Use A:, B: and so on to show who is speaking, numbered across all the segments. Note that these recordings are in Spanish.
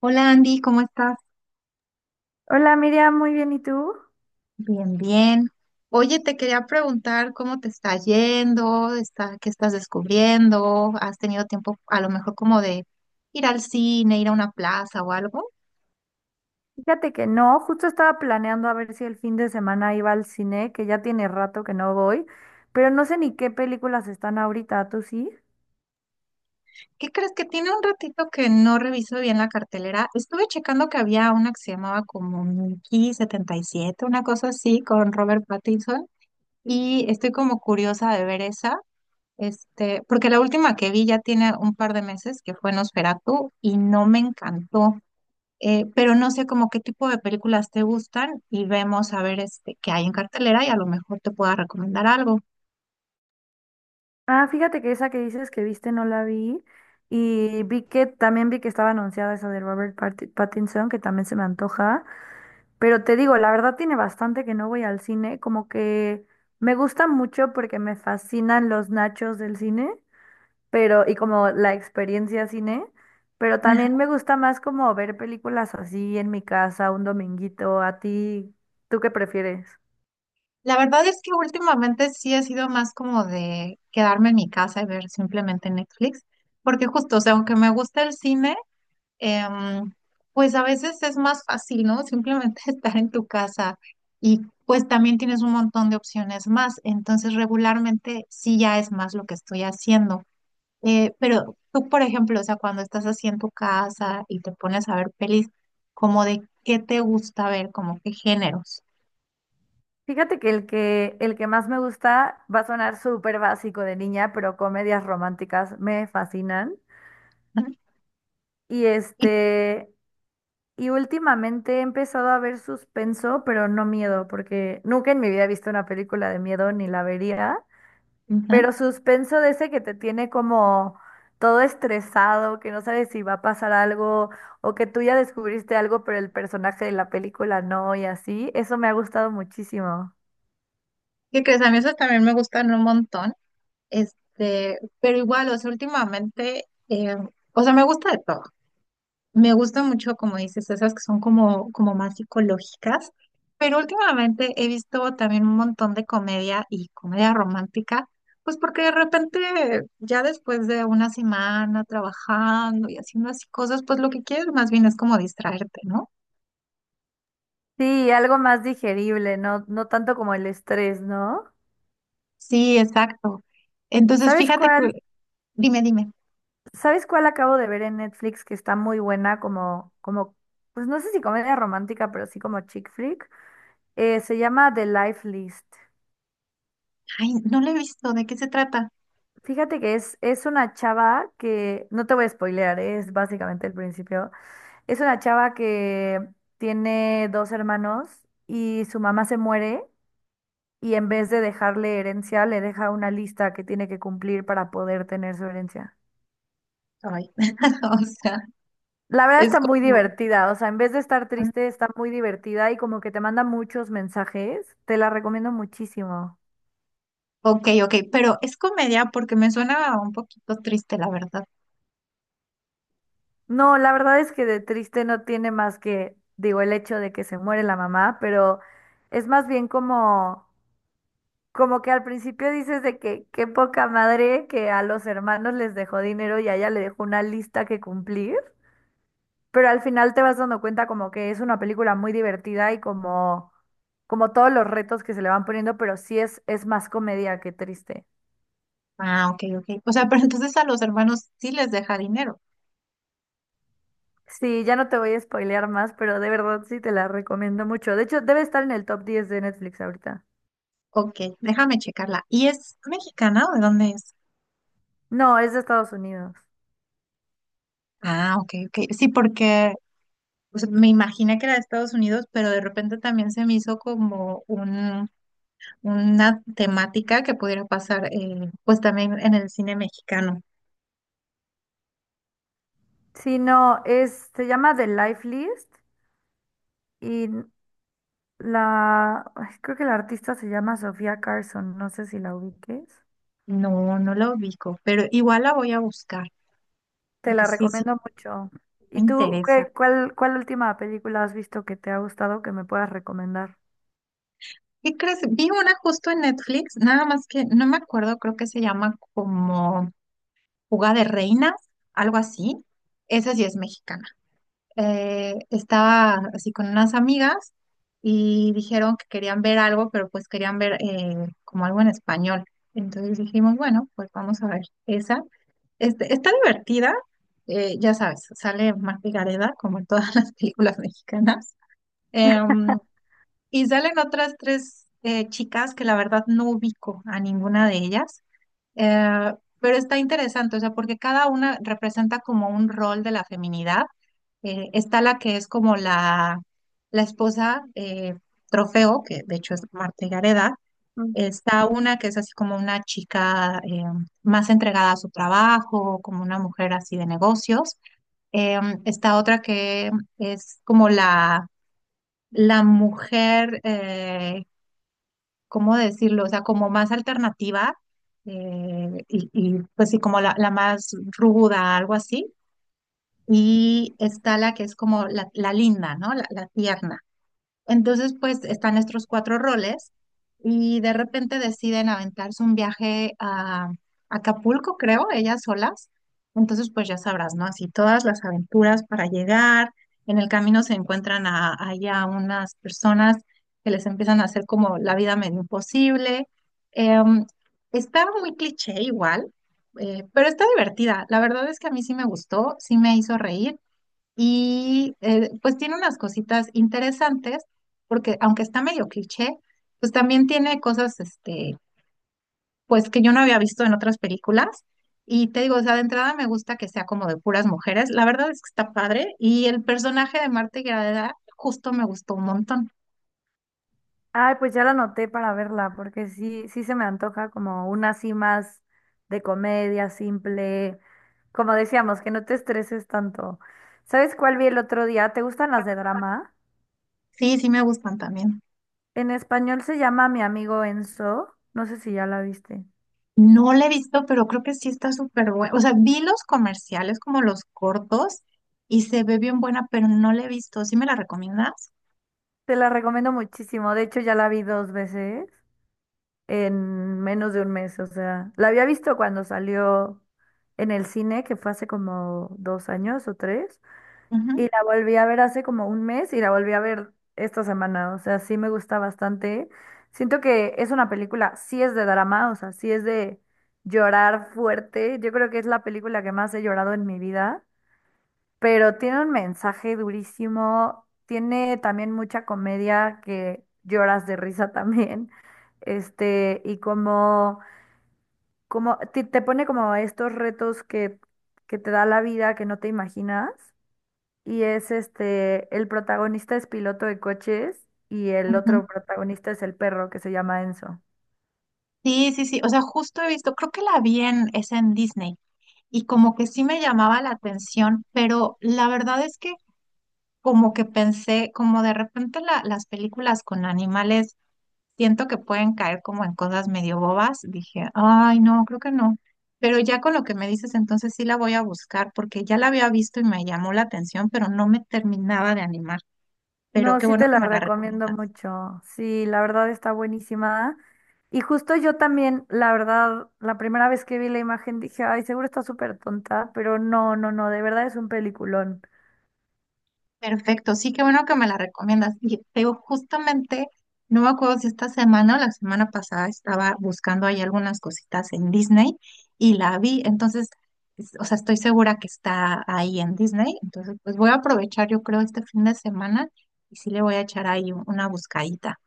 A: Hola Andy, ¿cómo estás?
B: Hola Miriam, muy bien, ¿y tú?
A: Bien, bien. Oye, te quería preguntar cómo te está yendo, qué estás descubriendo, has tenido tiempo a lo mejor como de ir al cine, ir a una plaza o algo.
B: Fíjate que no, justo estaba planeando a ver si el fin de semana iba al cine, que ya tiene rato que no voy, pero no sé ni qué películas están ahorita, ¿tú sí?
A: ¿Qué crees? Que tiene un ratito que no reviso bien la cartelera. Estuve checando que había una que se llamaba como Mickey 77, una cosa así, con Robert Pattinson, y estoy como curiosa de ver esa. Este, porque la última que vi ya tiene un par de meses, que fue Nosferatu, y no me encantó. Pero no sé como qué tipo de películas te gustan y vemos a ver este, qué hay en cartelera y a lo mejor te pueda recomendar algo.
B: Ah, fíjate que esa que dices que viste no la vi y vi que también vi que estaba anunciada esa de Pattinson, que también se me antoja, pero te digo, la verdad tiene bastante que no voy al cine, como que me gusta mucho porque me fascinan los nachos del cine, pero y como la experiencia cine, pero también me gusta más como ver películas así en mi casa un dominguito. ¿A ti, tú qué prefieres?
A: La verdad es que últimamente sí he sido más como de quedarme en mi casa y ver simplemente Netflix, porque justo, o sea, aunque me gusta el cine, em, pues a veces es más fácil, ¿no? Simplemente estar en tu casa y pues también tienes un montón de opciones más. Entonces, regularmente sí ya es más lo que estoy haciendo. Pero tú, por ejemplo, o sea, cuando estás así en tu casa y te pones a ver pelis, como de qué te gusta ver, como qué géneros.
B: Fíjate que el que más me gusta va a sonar súper básico de niña, pero comedias románticas me fascinan.
A: Ujú.
B: Y
A: Y-
B: este y últimamente he empezado a ver suspenso, pero no miedo, porque nunca en mi vida he visto una película de miedo ni la vería.
A: ujú.
B: Pero suspenso de ese que te tiene como todo estresado, que no sabes si va a pasar algo o que tú ya descubriste algo, pero el personaje de la película no, y así, eso me ha gustado muchísimo.
A: ¿Qué crees? A mí esos también me gustan un montón. Este, pero igual, o sea, últimamente, o sea, me gusta de todo. Me gusta mucho, como dices, esas que son como, como más psicológicas, pero últimamente he visto también un montón de comedia y comedia romántica, pues porque de repente ya después de una semana trabajando y haciendo así cosas, pues lo que quieres más bien es como distraerte, ¿no?
B: Sí, algo más digerible, no, no tanto como el estrés, ¿no?
A: Sí, exacto. Entonces,
B: ¿Sabes
A: fíjate que,
B: cuál?
A: dime, dime,
B: ¿Sabes cuál acabo de ver en Netflix que está muy buena como, pues no sé si comedia romántica, pero sí como chick flick? Se llama The Life List.
A: ay, no lo he visto, ¿de qué se trata?
B: Fíjate que es una chava que, no te voy a spoilear, ¿eh? Es básicamente el principio. Es una chava que tiene dos hermanos y su mamá se muere, y en vez de dejarle herencia, le deja una lista que tiene que cumplir para poder tener su herencia.
A: Ay, o sea,
B: La verdad
A: es
B: está muy
A: como...
B: divertida, o sea, en vez de estar triste, está muy divertida y como que te manda muchos mensajes. Te la recomiendo muchísimo.
A: Ok, ok, pero es comedia porque me suena un poquito triste, la verdad.
B: No, la verdad es que de triste no tiene más que, digo, el hecho de que se muere la mamá, pero es más bien como, como que al principio dices de que qué poca madre que a los hermanos les dejó dinero y a ella le dejó una lista que cumplir, pero al final te vas dando cuenta como que es una película muy divertida y como, como todos los retos que se le van poniendo, pero sí es más comedia que triste.
A: Ah, ok, ok. O sea, pero entonces a los hermanos sí les deja dinero.
B: Sí, ya no te voy a spoilear más, pero de verdad sí te la recomiendo mucho. De hecho, debe estar en el top 10 de Netflix ahorita.
A: Ok, déjame checarla. ¿Y es mexicana o de dónde es?
B: No, es de Estados Unidos.
A: Ah, ok, ok. Sí, porque o sea, me imaginé que era de Estados Unidos, pero de repente también se me hizo como una temática que pudiera pasar, pues también en el cine mexicano.
B: Sí, no, se llama The Life List y ay, creo que la artista se llama Sofía Carson, no sé si la ubiques.
A: No, no la ubico, pero igual la voy a buscar,
B: Te
A: porque
B: la
A: sí, sí,
B: recomiendo mucho. ¿Y
A: me
B: tú
A: interesa.
B: qué, cuál última película has visto que te ha gustado que me puedas recomendar?
A: ¿Qué crees? Vi una justo en Netflix, nada más que no me acuerdo, creo que se llama como... Fuga de Reinas, algo así. Esa sí es mexicana. Estaba así con unas amigas y dijeron que querían ver algo, pero pues querían ver como algo en español. Entonces dijimos, bueno, pues vamos a ver esa. Este, está divertida, ya sabes, sale Marta Gareda, como en todas las películas mexicanas. Em, y salen otras tres chicas que la verdad no ubico a ninguna de ellas. Eh, pero está interesante, o sea, porque cada una representa como un rol de la feminidad. Está la esposa trofeo, que de hecho es Marta Gareda.
B: Mm.
A: Está una que es así como una chica más entregada a su trabajo, como una mujer así de negocios. Eh, Está otra que es como la mujer ¿cómo decirlo? O sea, como más alternativa pues sí, como la más ruda, algo así. Y está la que es como la linda, ¿no? La tierna. Entonces, pues están estos cuatro roles y de repente deciden aventarse un viaje a Acapulco, creo, ellas solas. Entonces, pues ya sabrás, ¿no? Así todas las aventuras para llegar. En el camino se encuentran a, ahí a unas personas que les empiezan a hacer como la vida medio imposible. Em, Está muy cliché igual, pero está divertida. La verdad es que a mí sí me gustó, sí me hizo reír. Y pues tiene unas cositas interesantes, porque aunque está medio cliché, pues también tiene cosas, este, pues que yo no había visto en otras películas. Y te digo, o sea, de entrada me gusta que sea como de puras mujeres. La verdad es que está padre. Y el personaje de Marta Higareda justo me gustó un montón.
B: Ay, pues ya la anoté para verla, porque sí, sí se me antoja como una así más de comedia, simple, como decíamos, que no te estreses tanto. ¿Sabes cuál vi el otro día? ¿Te gustan las de drama?
A: Sí, sí me gustan también.
B: En español se llama Mi amigo Enzo. No sé si ya la viste.
A: No la he visto, pero creo que sí está súper buena. O sea, vi los comerciales como los cortos y se ve bien buena, pero no la he visto. ¿Sí me la recomiendas?
B: Te la recomiendo muchísimo. De hecho, ya la vi dos veces en menos de un mes. O sea, la había visto cuando salió en el cine, que fue hace como 2 años o 3. Y
A: Ujú,
B: la volví a ver hace como un mes y la volví a ver esta semana. O sea, sí me gusta bastante. Siento que es una película, sí es de drama, o sea, sí es de llorar fuerte. Yo creo que es la película que más he llorado en mi vida, pero tiene un mensaje durísimo, tiene también mucha comedia que lloras de risa también, este, y como, como te pone como estos retos que te da la vida que no te imaginas, y es este, el protagonista es piloto de coches y el
A: ujú.
B: otro protagonista es el perro que se llama Enzo.
A: Sí, sí, sí. O sea, justo he visto, creo que la vi en, es en Disney y como que sí me llamaba la atención, pero la verdad es que como que pensé, como de repente las películas con animales, siento que pueden caer como en cosas medio bobas. Dije, ay, no, creo que no. Pero ya con lo que me dices, entonces sí la voy a buscar porque ya la había visto y me llamó la atención, pero no me terminaba de animar. Pero
B: No,
A: qué
B: sí
A: bueno
B: te
A: que
B: la
A: me la
B: recomiendo
A: recomiendas.
B: mucho. Sí, la verdad está buenísima. Y justo yo también, la verdad, la primera vez que vi la imagen dije, ay, seguro está súper tonta, pero no, no, no, de verdad es un peliculón.
A: Perfecto, sí, qué bueno que me la recomiendas. Y te digo, justamente, no me acuerdo si esta semana o la semana pasada estaba buscando ahí algunas cositas en Disney y la vi, entonces, o sea, estoy segura que está ahí en Disney, entonces, pues voy a aprovechar, yo creo, este fin de semana y sí le voy a echar ahí una buscadita.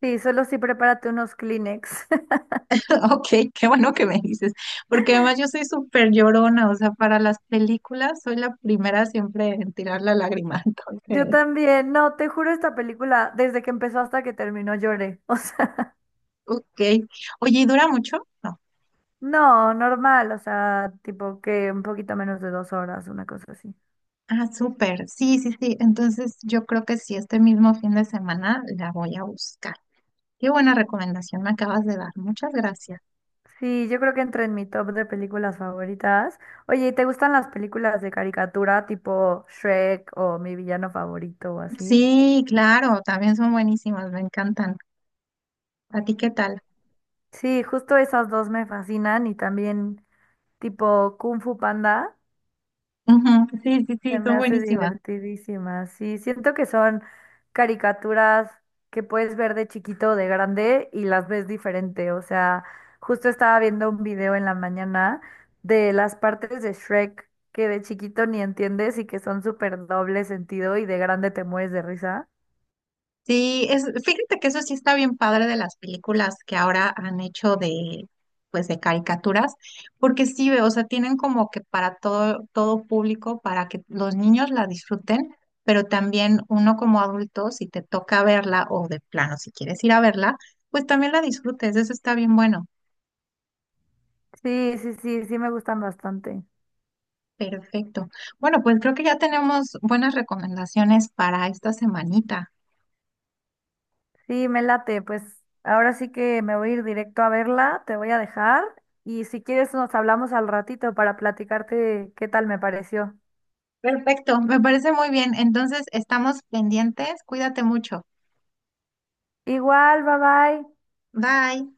B: Sí, solo sí prepárate unos Kleenex.
A: Ok, qué bueno que me dices, porque además yo soy súper llorona, o sea, para las películas soy la primera siempre en tirar la lágrima,
B: Yo
A: entonces,
B: también, no, te juro, esta película, desde que empezó hasta que terminó lloré. O sea,
A: ok. Oye, ¿y dura mucho? No.
B: no, normal, o sea, tipo que un poquito menos de 2 horas, una cosa así.
A: Ah, súper. Sí, sí, sí. Entonces yo creo que sí, este mismo fin de semana la voy a buscar. Qué buena recomendación me acabas de dar. Muchas gracias.
B: Sí, yo creo que entra en mi top de películas favoritas. Oye, ¿y te gustan las películas de caricatura tipo Shrek o Mi villano favorito o así?
A: Sí, claro, también son buenísimas, me encantan. ¿A ti qué tal?
B: Sí, justo esas dos me fascinan y también tipo Kung Fu Panda.
A: Ujú, sí, sí,
B: Se
A: sí,
B: me
A: son
B: hace
A: buenísimas.
B: divertidísima. Sí, siento que son caricaturas que puedes ver de chiquito o de grande y las ves diferente. O sea, justo estaba viendo un video en la mañana de las partes de Shrek que de chiquito ni entiendes y que son súper doble sentido y de grande te mueres de risa.
A: Sí, es, fíjate que eso sí está bien padre de las películas que ahora han hecho de, pues de caricaturas, porque sí, o sea, tienen como que para todo, todo público, para que los niños la disfruten, pero también uno como adulto, si te toca verla o de plano, si quieres ir a verla, pues también la disfrutes, eso está bien bueno.
B: Sí, sí, sí, sí me gustan bastante.
A: Perfecto. Bueno, pues creo que ya tenemos buenas recomendaciones para esta semanita.
B: Sí, me late. Pues ahora sí que me voy a ir directo a verla, te voy a dejar, y si quieres nos hablamos al ratito para platicarte qué tal me pareció.
A: Perfecto, me parece muy bien. Entonces, estamos pendientes, cuídate mucho.
B: Igual, bye bye.
A: Bye.